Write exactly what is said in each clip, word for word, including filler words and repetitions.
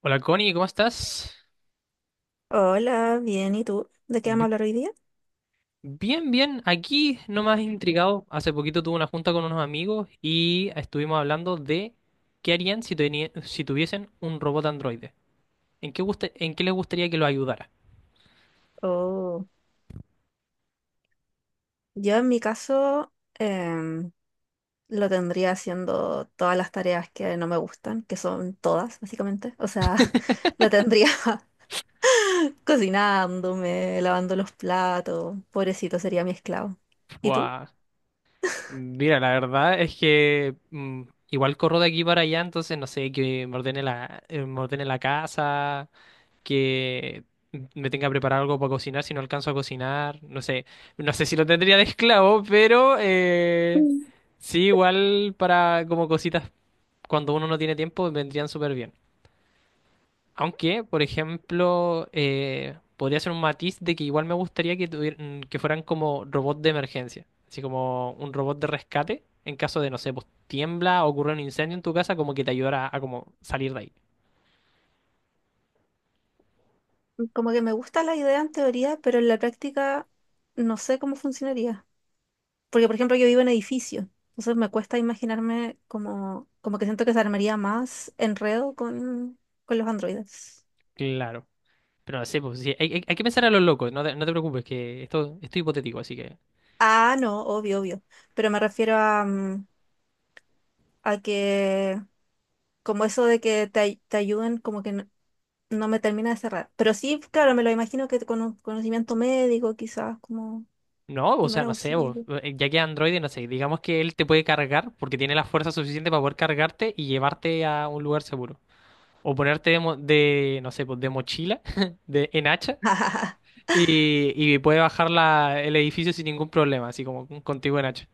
Hola Connie, ¿cómo estás? Hola, bien, ¿y tú? ¿De qué vamos a Bi- hablar hoy día? Bien, bien. Aquí nomás intrigado. Hace poquito tuve una junta con unos amigos y estuvimos hablando de qué harían si, teni- si tuviesen un robot androide. ¿En qué, guste- en qué les gustaría que lo ayudara? Oh, yo en mi caso em, lo tendría haciendo todas las tareas que no me gustan, que son todas, básicamente. O sea, lo tendría cocinándome, lavando los platos, pobrecito, sería mi esclavo. ¿Y tú? Buah. Mira, la verdad es que mm, igual corro de aquí para allá, entonces no sé, que me ordene la, eh, me ordene la casa, que me tenga que preparar algo para cocinar si no alcanzo a cocinar. No sé, no sé si lo tendría de esclavo, pero eh, Mm. sí, igual para como cositas cuando uno no tiene tiempo vendrían súper bien. Aunque, por ejemplo, eh, podría ser un matiz de que igual me gustaría que, tuvieran, que fueran como robots de emergencia, así como un robot de rescate en caso de, no sé, pues tiembla o ocurre un incendio en tu casa, como que te ayudara a, a como salir de ahí. Como que me gusta la idea en teoría, pero en la práctica no sé cómo funcionaría. Porque, por ejemplo, yo vivo en edificio, entonces me cuesta imaginarme como, como que siento que se armaría más enredo con, con los androides. Claro. Pero no sé, pues, sí, hay, hay- hay que pensar a los locos, no te, no te preocupes, que esto, esto es hipotético, así que... Ah, no, obvio, obvio. Pero me refiero a, mm, a que, como eso de que te, ay- te ayuden, como que no, no me termina de cerrar. Pero sí, claro, me lo imagino que con un conocimiento médico, quizás como No, o primer sea, no sé, vos, auxilio. eh, ya que Android, no sé, digamos que él te puede cargar porque tiene la fuerza suficiente para poder cargarte y llevarte a un lugar seguro. O ponerte de, mo- de, no sé, pues de mochila, de, en hacha, y, y puede bajar la- el edificio sin ningún problema, así como contigo en hacha.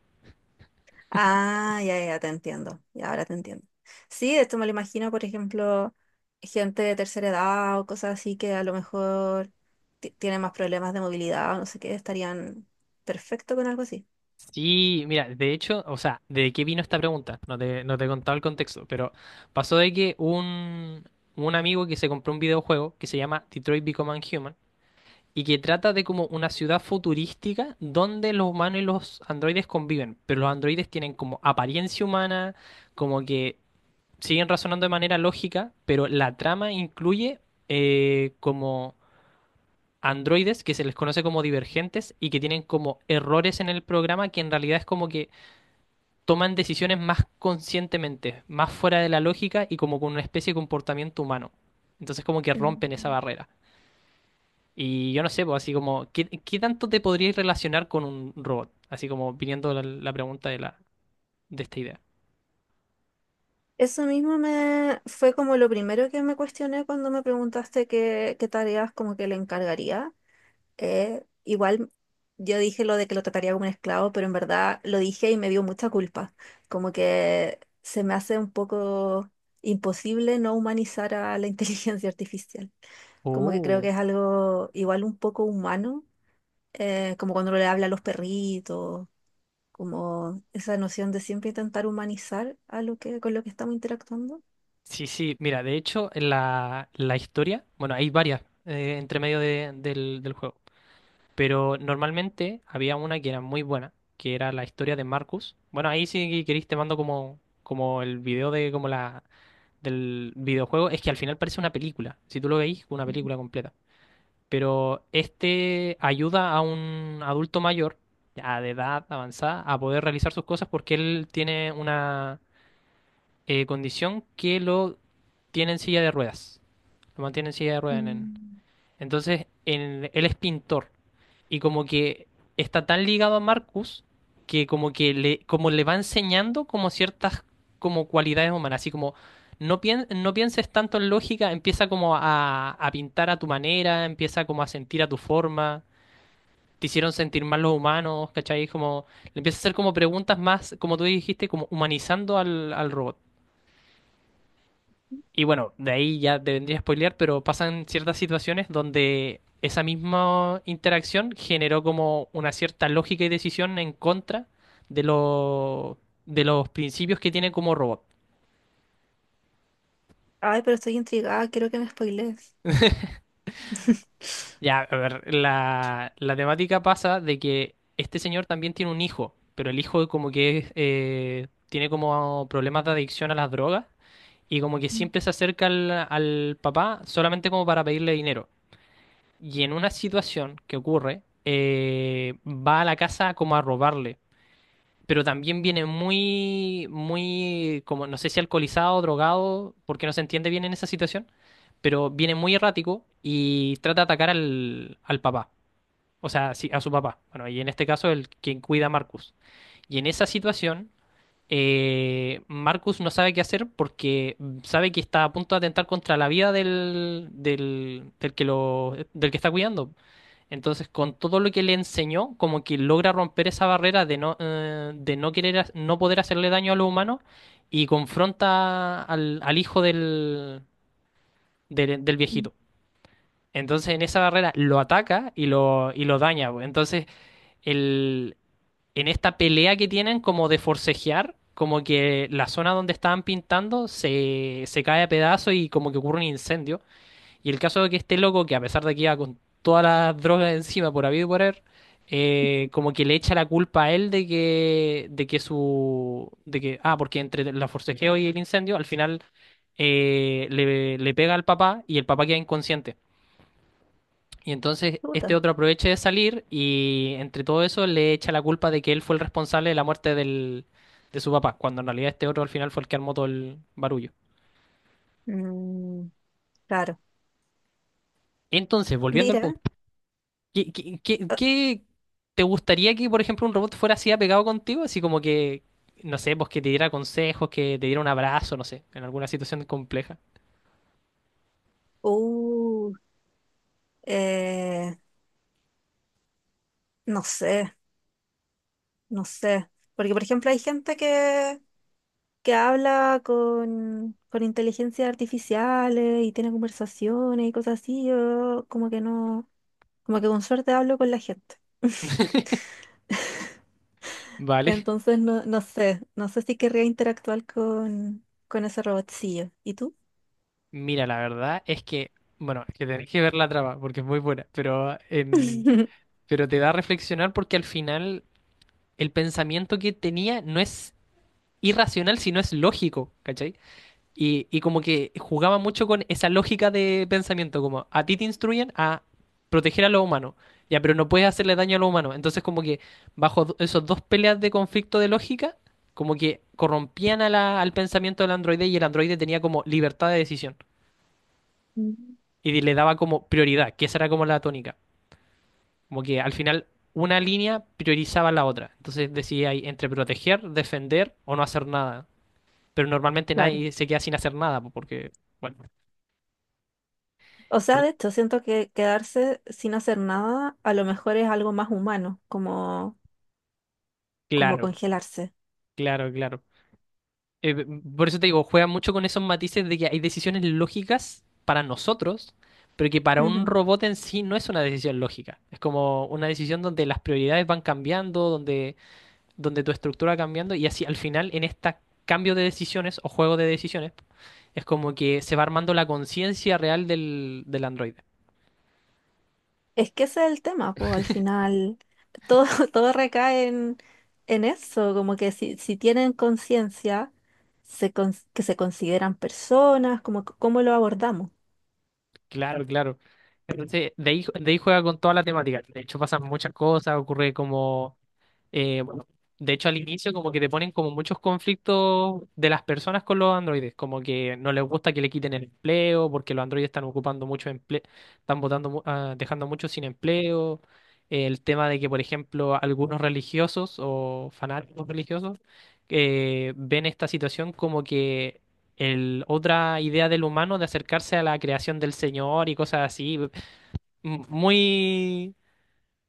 Ah, ya, ya, te entiendo. Ya, ahora te entiendo. Sí, esto me lo imagino, por ejemplo, gente de tercera edad o cosas así que a lo mejor ti- tienen más problemas de movilidad o no sé qué, estarían perfecto con algo así. Sí, mira, de hecho, o sea, ¿de qué vino esta pregunta? No te, no te he contado el contexto, pero pasó de que un, un amigo que se compró un videojuego que se llama Detroit Become Human y que trata de como una ciudad futurística donde los humanos y los androides conviven, pero los androides tienen como apariencia humana, como que siguen razonando de manera lógica, pero la trama incluye eh, como androides que se les conoce como divergentes y que tienen como errores en el programa que en realidad es como que toman decisiones más conscientemente, más fuera de la lógica y como con una especie de comportamiento humano. Entonces como que rompen esa barrera. Y yo no sé, pues así como, ¿qué, qué tanto te podrías relacionar con un robot? Así como viniendo la, la pregunta de, la, de esta idea. Eso mismo me fue como lo primero que me cuestioné cuando me preguntaste qué, qué tareas como que le encargaría. eh, igual yo dije lo de que lo trataría como un esclavo, pero en verdad lo dije y me dio mucha culpa. Como que se me hace un poco imposible no humanizar a la inteligencia artificial. Como que creo que Oh. es algo igual un poco humano, eh, como cuando le habla a los perritos, como esa noción de siempre intentar humanizar a lo que, con lo que estamos interactuando. Sí, sí, mira, de hecho, en la, la historia, bueno, hay varias eh, entre medio de- del, del juego, pero normalmente había una que era muy buena, que era la historia de Marcus. Bueno, ahí si queréis te mando como, como el video de como la, del videojuego es que al final parece una película. Si tú lo veis, una película completa. Pero este ayuda a un adulto mayor, ya de edad avanzada, a poder realizar sus cosas porque él tiene una eh, condición que lo tiene en silla de ruedas. Lo mantiene en silla de ruedas en, Mm. entonces, en- él es pintor y como que está tan ligado a Marcus que como que le, como le va enseñando como ciertas como cualidades humanas, así como no, pien- no pienses tanto en lógica, empieza como a, a pintar a tu manera, empieza como a sentir a tu forma, te hicieron sentir mal los humanos, ¿cachai? Como le empieza a hacer como preguntas más, como tú dijiste, como humanizando al, al robot. Y bueno, de ahí ya te vendría a spoilear, pero pasan ciertas situaciones donde esa misma interacción generó como una cierta lógica y decisión en contra de, lo- de los principios que tiene como robot. Ay, pero estoy intrigada, quiero que me spoilees. Ya, a ver, la, la temática pasa de que este señor también tiene un hijo, pero el hijo como que es, eh, tiene como problemas de adicción a las drogas y como que Mm. siempre se acerca al, al papá solamente como para pedirle dinero. Y en una situación que ocurre, eh, va a la casa como a robarle. Pero también viene muy, muy, como no sé si alcoholizado, drogado, porque no se entiende bien en esa situación, pero viene muy errático y trata de atacar al, al papá, o sea, sí, a su papá. Bueno, y en este caso el quien cuida a Marcus. Y en esa situación eh, Marcus no sabe qué hacer porque sabe que está a punto de atentar contra la vida del, del, del que lo, del que está cuidando. Entonces, con todo lo que le enseñó, como que logra romper esa barrera de no, eh, de no querer, ha- no poder hacerle daño a los humanos y confronta al, al hijo del, del, del viejito. Entonces, en esa barrera lo ataca y lo, y lo daña, pues. Entonces, el, en esta pelea que tienen como de forcejear, como que la zona donde estaban pintando se, se cae a pedazos y como que ocurre un incendio. Y el caso de que este loco, que a pesar de que iba con todas las drogas encima por habido y por haber, eh, como que le echa la culpa a él de que, de que su, de que, ah, porque entre la forcejeo y el incendio, al final eh, le, le pega al papá y el papá queda inconsciente. Y entonces este Puta. otro aprovecha de salir y entre todo eso le echa la culpa de que él fue el responsable de la muerte del, de su papá, cuando en realidad este otro al final fue el que armó todo el barullo. Mm, claro. Entonces, volviendo al Mira. punto, ¿qué, qué- qué- qué te gustaría que, por ejemplo, un robot fuera así apegado contigo? Así como que, no sé, pues que te diera consejos, que te diera un abrazo, no sé, en alguna situación compleja. Uh, eh, no sé, no sé. Porque, por ejemplo, hay gente que, que habla con, con inteligencias artificiales y tiene conversaciones y cosas así. Yo como que no, como que con suerte hablo con la gente. Vale. Entonces, no, no sé, no sé si querría interactuar con, con ese robotcillo. ¿Y tú? Mira, la verdad es que, bueno, es que tenés que ver la trama porque es muy buena, pero en... Pero te da a reflexionar porque al final el pensamiento que tenía no es irracional, sino es lógico, ¿cachai? Y, y como que jugaba mucho con esa lógica de pensamiento, como a ti te instruyen a proteger a los humanos, ya, pero no puedes hacerle daño a los humanos. Entonces como que bajo do- esos dos peleas de conflicto de lógica, como que corrompían a la- al pensamiento del androide y el androide tenía como libertad de decisión Mm. y le daba como prioridad, que esa era como la tónica. Como que al final una línea priorizaba la otra. Entonces decidía ahí entre proteger, defender o no hacer nada. Pero normalmente Claro. nadie se queda sin hacer nada po, porque, bueno, O sea, por- de hecho, siento que quedarse sin hacer nada a lo mejor es algo más humano, como, como claro, congelarse. claro, claro. Eh, por eso te digo, juega mucho con esos matices de que hay decisiones lógicas para nosotros, pero que para un Ujú. robot en sí no es una decisión lógica. Es como una decisión donde las prioridades van cambiando, donde donde tu estructura va cambiando y así al final en este cambio de decisiones o juego de decisiones es como que se va armando la conciencia real del, del androide. Es que ese es el tema, pues al final todo, todo recae en, en eso, como que si, si tienen conciencia, se cons- que se consideran personas, como c- cómo lo abordamos. Claro, claro. Entonces, de ahí, de ahí juega con toda la temática. De hecho, pasan muchas cosas, ocurre como... eh, bueno, de hecho, al inicio como que te ponen como muchos conflictos de las personas con los androides, como que no les gusta que le quiten el empleo, porque los androides están ocupando mucho empleo, están botando, mu- ah, dejando muchos sin empleo. El tema de que, por ejemplo, algunos religiosos o fanáticos religiosos eh, ven esta situación como que el, otra idea del humano de acercarse a la creación del Señor y cosas así. M- Muy,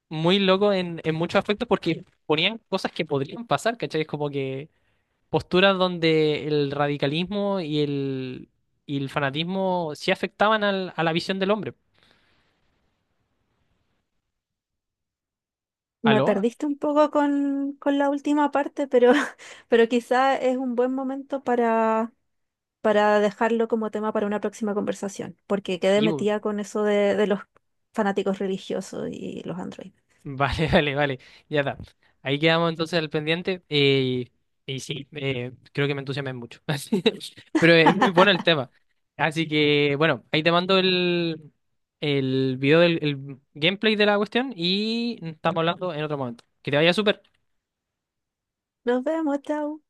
muy loco en, en muchos aspectos porque ponían cosas que podrían pasar, ¿cachai? Es como que posturas donde el radicalismo y el, y el fanatismo sí afectaban al- a la visión del hombre. Me ¿Aló? perdiste un poco con, con la última parte, pero, pero quizá es un buen momento para, para dejarlo como tema para una próxima conversación, porque quedé Y metida con eso de, de los fanáticos religiosos y los androides. vale, vale, vale. Ya está. Ahí quedamos entonces al pendiente. Y, y sí, eh, creo que me entusiasmé mucho. Así- Pero es muy bueno el tema. Así que, bueno, ahí te mando el, el video del el gameplay de la cuestión y estamos hablando en otro momento. Que te vaya súper. Nos vemos, chao.